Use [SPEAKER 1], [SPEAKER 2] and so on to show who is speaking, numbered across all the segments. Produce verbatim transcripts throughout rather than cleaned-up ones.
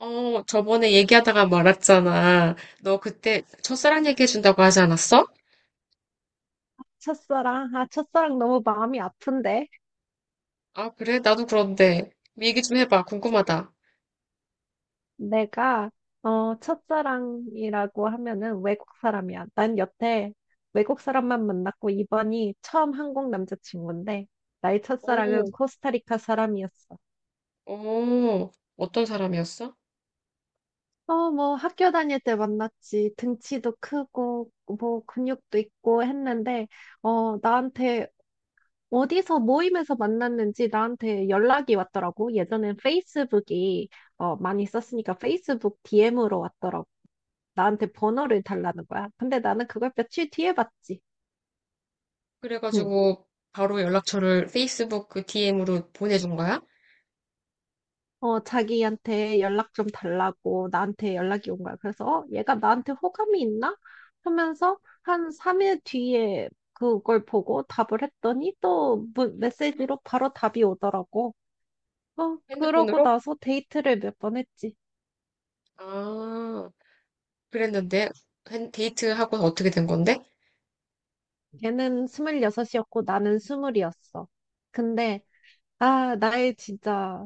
[SPEAKER 1] 어, 저번에 얘기하다가 말았잖아. 너 그때 첫사랑 얘기해준다고 하지 않았어?
[SPEAKER 2] 첫사랑? 아, 첫사랑 너무 마음이 아픈데?
[SPEAKER 1] 아, 그래? 나도 그런데. 얘기 좀 해봐. 궁금하다.
[SPEAKER 2] 내가, 어, 첫사랑이라고 하면은 외국 사람이야. 난 여태 외국 사람만 만났고, 이번이 처음 한국 남자친구인데, 나의 첫사랑은
[SPEAKER 1] 오,
[SPEAKER 2] 코스타리카 사람이었어.
[SPEAKER 1] 오, 어떤 사람이었어?
[SPEAKER 2] 어, 뭐, 학교 다닐 때 만났지. 등치도 크고, 뭐, 근육도 있고 했는데, 어, 나한테 어디서 모임에서 만났는지 나한테 연락이 왔더라고. 예전엔 페이스북이 어, 많이 썼으니까 페이스북 디엠으로 왔더라고. 나한테 번호를 달라는 거야. 근데 나는 그걸 며칠 뒤에 봤지. 응.
[SPEAKER 1] 그래가지고 바로 연락처를 페이스북 그 디엠으로 보내준 거야?
[SPEAKER 2] 어, 자기한테 연락 좀 달라고 나한테 연락이 온 거야. 그래서 어, 얘가 나한테 호감이 있나? 하면서 한 삼 일 뒤에 그걸 보고 답을 했더니 또 무- 메시지로 바로 답이 오더라고. 어, 그러고
[SPEAKER 1] 핸드폰으로?
[SPEAKER 2] 나서 데이트를 몇 번 했지.
[SPEAKER 1] 아, 그랬는데 핸- 데이트하고 어떻게 된 건데?
[SPEAKER 2] 걔는 스물여섯이었고 나는 스물이었어. 근데, 아, 나의 진짜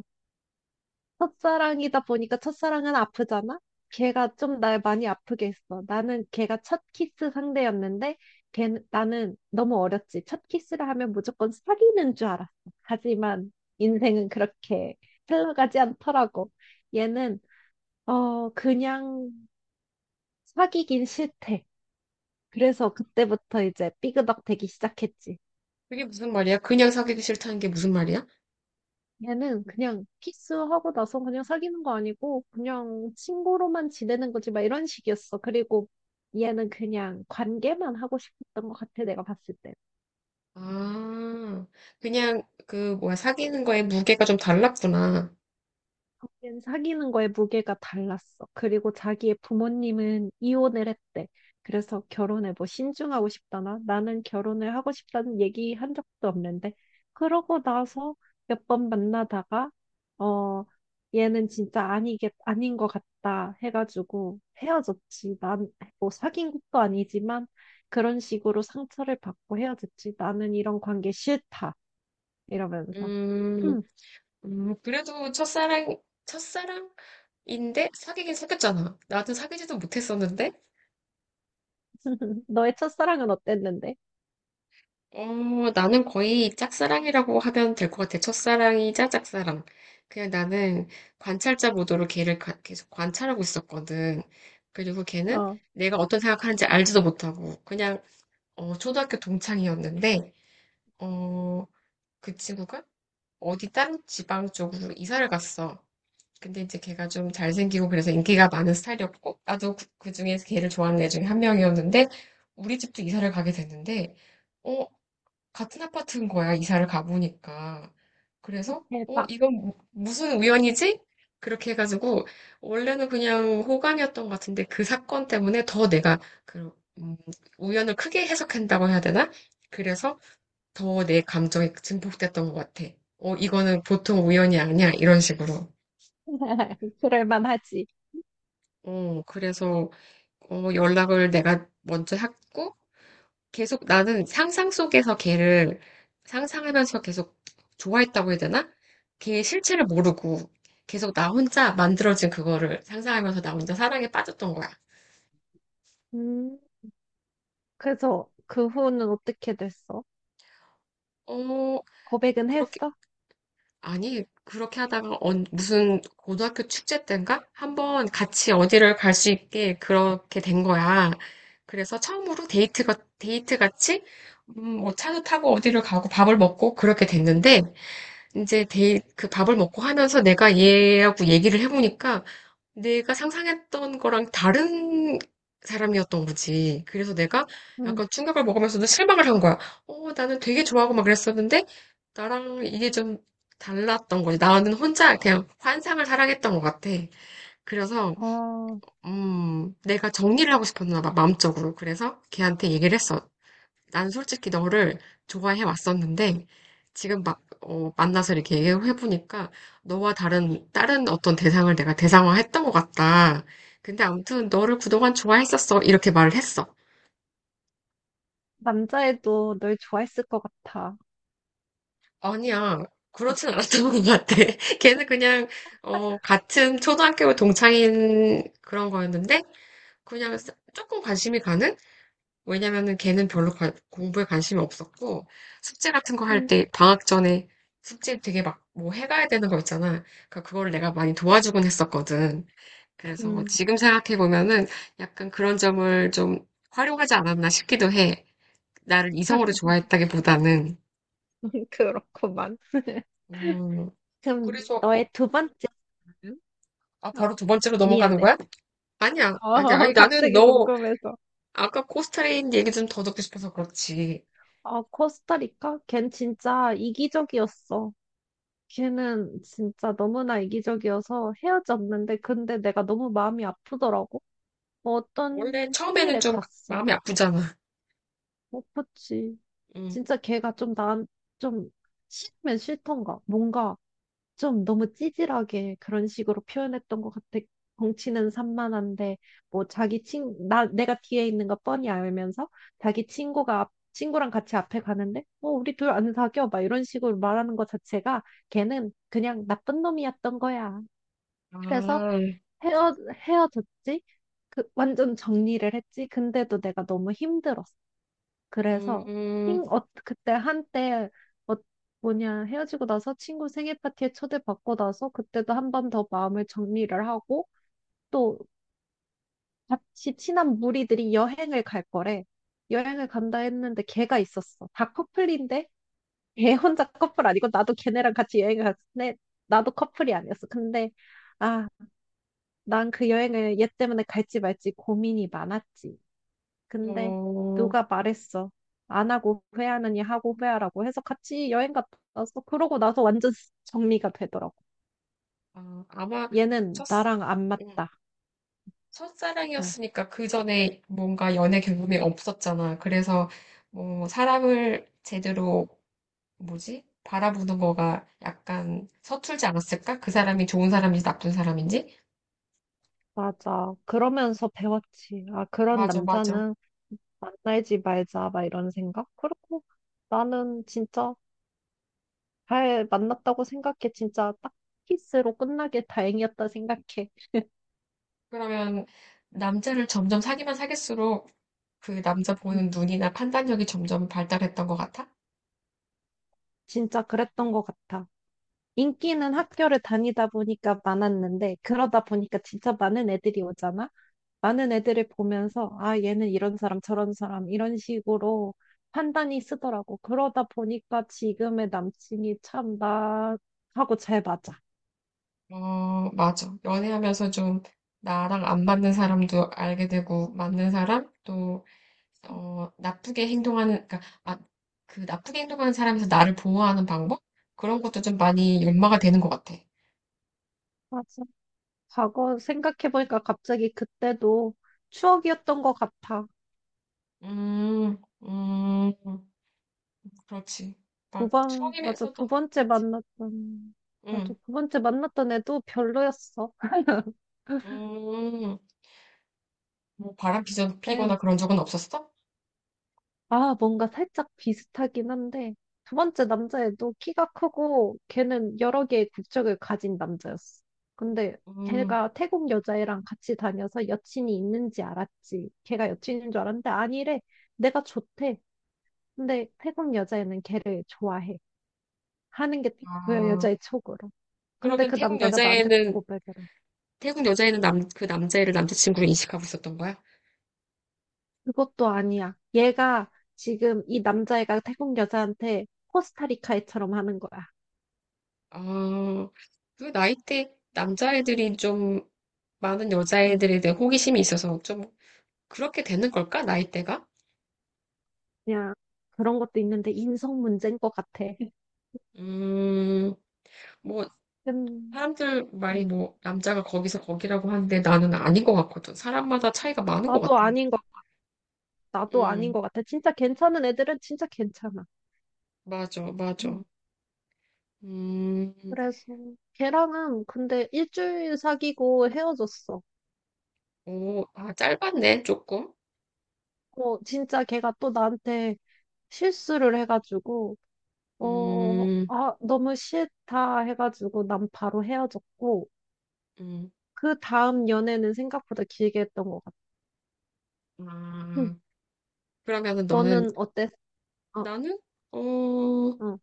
[SPEAKER 2] 첫사랑이다 보니까 첫사랑은 아프잖아? 걔가 좀 날 많이 아프게 했어. 나는 걔가 첫 키스 상대였는데, 걔, 나는 너무 어렸지. 첫 키스를 하면 무조건 사귀는 줄 알았어. 하지만 인생은 그렇게 흘러가지 않더라고. 얘는, 어, 그냥 사귀긴 싫대. 그래서 그때부터 이제 삐그덕 되기 시작했지.
[SPEAKER 1] 그게 무슨 말이야? 그냥 사귀기 싫다는 게 무슨 말이야?
[SPEAKER 2] 얘는 그냥 키스하고 나서 그냥 사귀는 거 아니고 그냥 친구로만 지내는 거지 막 이런 식이었어. 그리고 얘는 그냥 관계만 하고 싶었던 것 같아 내가 봤을 때.
[SPEAKER 1] 아, 그냥 그 뭐야 사귀는 거에 무게가 좀 달랐구나.
[SPEAKER 2] 걔는 사귀는 거에 무게가 달랐어. 그리고 자기의 부모님은 이혼을 했대. 그래서 결혼에 뭐 신중하고 싶다나 나는 결혼을 하고 싶다는 얘기 한 적도 없는데 그러고 나서 몇 번 만나다가 어 얘는 진짜 아니겠 아닌 것 같다 해가지고 헤어졌지. 난 뭐 사귄 것도 아니지만 그런 식으로 상처를 받고 헤어졌지. 나는 이런 관계 싫다 이러면서.
[SPEAKER 1] 음, 음, 그래도 첫사랑, 첫사랑인데 사귀긴 사귀었잖아. 나는 사귀지도 못했었는데,
[SPEAKER 2] 너의 첫사랑은 어땠는데?
[SPEAKER 1] 어, 나는 거의 짝사랑이라고 하면 될 것 같아. 첫사랑이자 짝사랑. 그냥 나는 관찰자 모드로 걔를 가- 계속 관찰하고 있었거든. 그리고 걔는
[SPEAKER 2] 어.
[SPEAKER 1] 내가 어떤 생각하는지 알지도 못하고, 그냥, 어, 초등학교 동창이었는데, 어, 그 친구가 어디 다른 지방 쪽으로 이사를 갔어. 근데 이제 걔가 좀 잘생기고 그래서 인기가 많은 스타일이었고 나도 그, 그 중에서 걔를 좋아하는 애 중에 한 명이었는데 우리 집도 이사를 가게 됐는데 어 같은 아파트인 거야 이사를 가보니까 그래서 어
[SPEAKER 2] 대박.
[SPEAKER 1] 이건 무- 무슨 우연이지? 그렇게 해가지고 원래는 그냥 호감이었던 것 같은데 그 사건 때문에 더 내가 그 음, 우연을 크게 해석한다고 해야 되나? 그래서 더 내 감정이 증폭됐던 것 같아. 어 이거는 보통 우연이 아니야 이런 식으로.
[SPEAKER 2] 그럴만 하지.
[SPEAKER 1] 어, 그래서 어, 연락을 내가 먼저 했고 계속 나는 상상 속에서 걔를 상상하면서 계속 좋아했다고 해야 되나? 걔의 실체를 모르고 계속 나 혼자 만들어진 그거를 상상하면서 나 혼자 사랑에 빠졌던 거야.
[SPEAKER 2] 음, 그래서 그 후는 어떻게 됐어?
[SPEAKER 1] 어,
[SPEAKER 2] 고백은
[SPEAKER 1] 그렇게
[SPEAKER 2] 했어?
[SPEAKER 1] 아니, 그렇게 하다가 언- 무슨 고등학교 축제 때인가? 한번 같이 어디를 갈 수 있게 그렇게 된 거야. 그래서 처음으로 데이트가, 데이트 같이, 음, 뭐 차도 타고 어디를 가고 밥을 먹고 그렇게 됐는데, 이제 데이, 그 밥을 먹고 하면서 내가 얘하고 얘기를 해보니까 내가 상상했던 거랑 다른 사람이었던 거지. 그래서 내가
[SPEAKER 2] 응.
[SPEAKER 1] 약간 충격을 먹으면서도 실망을 한 거야. 어, 나는 되게 좋아하고 막 그랬었는데, 나랑 이게 좀 달랐던 거지. 나는 혼자 그냥 환상을 사랑했던 것 같아. 그래서,
[SPEAKER 2] 어,
[SPEAKER 1] 음, 내가 정리를 하고 싶었나 봐, 마음적으로. 그래서 걔한테 얘기를 했어. 난 솔직히 너를 좋아해 왔었는데, 지금 막, 어, 만나서 이렇게 얘기해보니까, 너와 다른, 다른 어떤 대상을 내가 대상화했던 것 같다. 근데 아무튼 너를 그동안 좋아했었어. 이렇게 말을 했어.
[SPEAKER 2] 남자애도 널 좋아했을 것 같아.
[SPEAKER 1] 아니야.
[SPEAKER 2] 어.
[SPEAKER 1] 그렇진 않았던 것 같아. 걔는 그냥, 어, 같은 초등학교 동창인 그런 거였는데, 그냥 조금 관심이 가는? 왜냐면은 걔는 별로 관- 공부에 관심이 없었고, 숙제 같은 거 할
[SPEAKER 2] 음,
[SPEAKER 1] 때, 방학 전에 숙제 되게 막 뭐 해가야 되는 거 있잖아. 그러니까 그걸 내가 많이 도와주곤 했었거든. 그래서 뭐
[SPEAKER 2] 음,
[SPEAKER 1] 지금 생각해보면은 약간 그런 점을 좀 활용하지 않았나 싶기도 해. 나를 이성으로 좋아했다기보다는.
[SPEAKER 2] 그렇구만.
[SPEAKER 1] 음,
[SPEAKER 2] 그럼
[SPEAKER 1] 그래서,
[SPEAKER 2] 너의 두 번째 사연?
[SPEAKER 1] 아,
[SPEAKER 2] 어,
[SPEAKER 1] 바로 두 번째로 넘어가는
[SPEAKER 2] 미안해.
[SPEAKER 1] 거야? 아니야, 아니야.
[SPEAKER 2] 어,
[SPEAKER 1] 아니, 나는
[SPEAKER 2] 갑자기
[SPEAKER 1] 너
[SPEAKER 2] 궁금해서.
[SPEAKER 1] 아까 코스타리인 얘기 좀 더 듣고 싶어서 그렇지.
[SPEAKER 2] 어, 코스타리카? 걘 진짜 이기적이었어. 걔는 진짜 너무나 이기적이어서 헤어졌는데, 근데 내가 너무 마음이 아프더라고.
[SPEAKER 1] 원래
[SPEAKER 2] 어떤
[SPEAKER 1] 처음에는
[SPEAKER 2] 생일에
[SPEAKER 1] 좀
[SPEAKER 2] 갔어.
[SPEAKER 1] 마음이 아프잖아.
[SPEAKER 2] 못 봤지.
[SPEAKER 1] 음.
[SPEAKER 2] 진짜 걔가 좀 난, 좀 싫으면 싫던가. 뭔가 좀 너무 찌질하게 그런 식으로 표현했던 것 같아. 덩치는 산만한데, 뭐 자기 친, 나, 내가 뒤에 있는 거 뻔히 알면서 자기 친구가 앞- 친구랑 같이 앞에 가는데, 뭐 우리 둘 안 사겨. 막 이런 식으로 말하는 것 자체가 걔는 그냥 나쁜 놈이었던 거야. 그래서
[SPEAKER 1] 아,
[SPEAKER 2] 헤어, 헤어졌지? 그, 완전 정리를 했지? 근데도 내가 너무 힘들었어. 그래서, 친,
[SPEAKER 1] 음,
[SPEAKER 2] 어, 그때 한때, 어, 뭐냐, 헤어지고 나서 친구 생일 파티에 초대받고 나서 그때도 한 번 더 마음을 정리를 하고 또 같이 친한 무리들이 여행을 갈 거래. 여행을 간다 했는데 걔가 있었어. 다 커플인데 걔 혼자 커플 아니고 나도 걔네랑 같이 여행을 갔는데 나도 커플이 아니었어. 근데, 아, 난 그 여행을 얘 때문에 갈지 말지 고민이 많았지. 근데
[SPEAKER 1] 어,
[SPEAKER 2] 누가 말했어. 안 하고 후회하느니 하고 후회하라고 해서 같이 여행 갔다 왔어. 그러고 나서 완전 정리가 되더라고.
[SPEAKER 1] 아, 아마
[SPEAKER 2] 얘는
[SPEAKER 1] 첫,
[SPEAKER 2] 나랑 안
[SPEAKER 1] 음,
[SPEAKER 2] 맞다. 어,
[SPEAKER 1] 첫사랑이었으니까 그 전에 뭔가 연애 경험이 없었잖아. 그래서 뭐 사람을 제대로 뭐지? 바라보는 거가 약간 서툴지 않았을까? 그 사람이 좋은 사람인지 나쁜 사람인지?
[SPEAKER 2] 맞아. 그러면서 배웠지. 아, 그런
[SPEAKER 1] 맞아, 맞아.
[SPEAKER 2] 남자는 만나지 말자. 막 이런 생각. 그리고 나는 진짜 잘 만났다고 생각해. 진짜 딱 키스로 끝나길 다행이었다 생각해.
[SPEAKER 1] 그러면 남자를 점점 사귀면 사귈수록 그 남자
[SPEAKER 2] 음,
[SPEAKER 1] 보는 눈이나 판단력이 점점 발달했던 것 같아?
[SPEAKER 2] 진짜 그랬던 것 같아. 인기는 학교를 다니다 보니까 많았는데, 그러다 보니까 진짜 많은 애들이 오잖아? 많은 애들을 보면서, 아, 얘는 이런 사람, 저런 사람, 이런 식으로 판단이 쓰더라고. 그러다 보니까 지금의 남친이 참 나하고 잘 맞아.
[SPEAKER 1] 어, 맞아. 연애하면서 좀 나랑 안 맞는 사람도 알게 되고, 맞는 사람, 또, 어, 나쁘게 행동하는, 그러니까, 아, 그 나쁘게 행동하는 사람에서 나를 보호하는 방법? 그런 것도 좀 많이 연마가 되는 것 같아.
[SPEAKER 2] 맞아. 과거 생각해보니까 갑자기 그때도 추억이었던 것 같아.
[SPEAKER 1] 음, 음, 그렇지.
[SPEAKER 2] 두
[SPEAKER 1] 막,
[SPEAKER 2] 번, 맞아,
[SPEAKER 1] 추억이면서도
[SPEAKER 2] 두
[SPEAKER 1] 하고,
[SPEAKER 2] 번째
[SPEAKER 1] 그렇지.
[SPEAKER 2] 만났던, 맞아,
[SPEAKER 1] 응,
[SPEAKER 2] 두 번째 만났던 애도 별로였어.
[SPEAKER 1] 음, 뭐 바람 피전-
[SPEAKER 2] 에,
[SPEAKER 1] 피거나 그런 적은 없었어?
[SPEAKER 2] 아, 뭔가 살짝 비슷하긴 한데, 두 번째 남자애도 키가 크고, 걔는 여러 개의 국적을 가진 남자였어. 근데
[SPEAKER 1] 음,
[SPEAKER 2] 걔가 태국 여자애랑 같이 다녀서 여친이 있는지 알았지. 걔가 여친인 줄 알았는데 아, 아니래. 내가 좋대. 근데 태국 여자애는 걔를 좋아해. 하는 게 딱 보여,
[SPEAKER 1] 아,
[SPEAKER 2] 여자애 촉으로. 근데
[SPEAKER 1] 그러면
[SPEAKER 2] 그
[SPEAKER 1] 태국
[SPEAKER 2] 남자애가 나한테
[SPEAKER 1] 여자애는,
[SPEAKER 2] 고백을 해.
[SPEAKER 1] 태국 여자애는 남, 그 남자애를 남자친구로 인식하고 있었던 거야?
[SPEAKER 2] 그것도 아니야. 얘가 지금 이 남자애가 태국 여자한테 코스타리카애처럼 하는 거야.
[SPEAKER 1] 아, 그 나이대 남자애들이 좀 많은 여자애들에 대해 호기심이 있어서 좀 그렇게 되는 걸까? 나이대가?
[SPEAKER 2] 그냥 그런 것도 있는데 인성 문제인 것 같아.
[SPEAKER 1] 음, 뭐
[SPEAKER 2] 음,
[SPEAKER 1] 사람들 말이
[SPEAKER 2] 음.
[SPEAKER 1] 뭐 남자가 거기서 거기라고 하는데 나는 아닌 것 같거든. 사람마다 차이가 많은 것 같아.
[SPEAKER 2] 나도 아닌 것, 나도 아닌
[SPEAKER 1] 음,
[SPEAKER 2] 것 같아. 진짜 괜찮은 애들은 진짜 괜찮아.
[SPEAKER 1] 맞아, 맞아.
[SPEAKER 2] 음.
[SPEAKER 1] 음,
[SPEAKER 2] 그래서 걔랑은 근데 일주일 사귀고 헤어졌어.
[SPEAKER 1] 오, 아, 짧았네, 조금.
[SPEAKER 2] 어, 진짜 걔가 또 나한테 실수를 해가지고, 어,
[SPEAKER 1] 음,
[SPEAKER 2] 아, 너무 싫다 해가지고 난 바로 헤어졌고,
[SPEAKER 1] 음,
[SPEAKER 2] 그 다음 연애는 생각보다 길게 했던 것 같아. 음.
[SPEAKER 1] 아, 그러면은 너는,
[SPEAKER 2] 너는 어땠어? 어,
[SPEAKER 1] 나는? 어,
[SPEAKER 2] 어,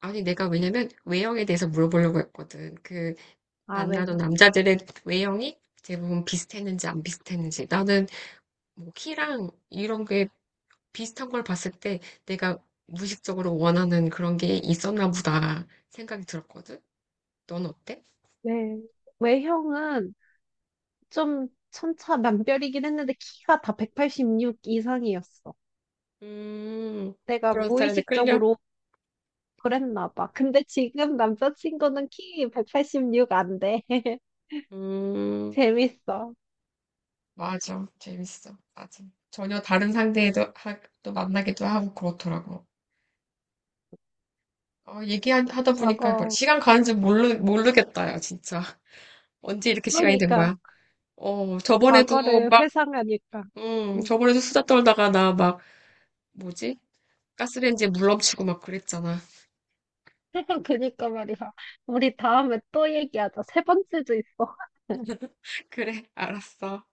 [SPEAKER 1] 아니, 내가 왜냐면 외형에 대해서 물어보려고 했거든. 그,
[SPEAKER 2] 아, 왜?
[SPEAKER 1] 만나던 남자들의 외형이 대부분 비슷했는지 안 비슷했는지. 나는 뭐 키랑 이런 게 비슷한 걸 봤을 때 내가 무의식적으로 원하는 그런 게 있었나 보다 생각이 들었거든. 넌 어때?
[SPEAKER 2] 네. 외형은 좀 천차만별이긴 했는데 키가 다 백팔십육 이상이었어.
[SPEAKER 1] 음,
[SPEAKER 2] 내가
[SPEAKER 1] 그런 스타일에 끌려?
[SPEAKER 2] 무의식적으로 그랬나 봐. 근데 지금 남자친구는 키 백팔십육 안 돼.
[SPEAKER 1] 음,
[SPEAKER 2] 재밌어.
[SPEAKER 1] 맞아. 재밌어. 맞아. 전혀 다른 상대에도 하, 또 만나기도 하고 그렇더라고. 어, 얘기하다 보니까 뭐
[SPEAKER 2] 과거.
[SPEAKER 1] 시간 가는 줄 모르, 모르겠다, 야, 진짜. 언제 이렇게 시간이 된
[SPEAKER 2] 그러니까
[SPEAKER 1] 거야? 어, 저번에도
[SPEAKER 2] 과거를
[SPEAKER 1] 막,
[SPEAKER 2] 회상하니까.
[SPEAKER 1] 음,
[SPEAKER 2] 음.
[SPEAKER 1] 저번에도 수다 떨다가 나 막, 뭐지? 가스레인지에 물 넘치고 막 그랬잖아.
[SPEAKER 2] 그니까 말이야. 우리 다음에 또 얘기하자. 세 번째도 있어.
[SPEAKER 1] 그래, 알았어.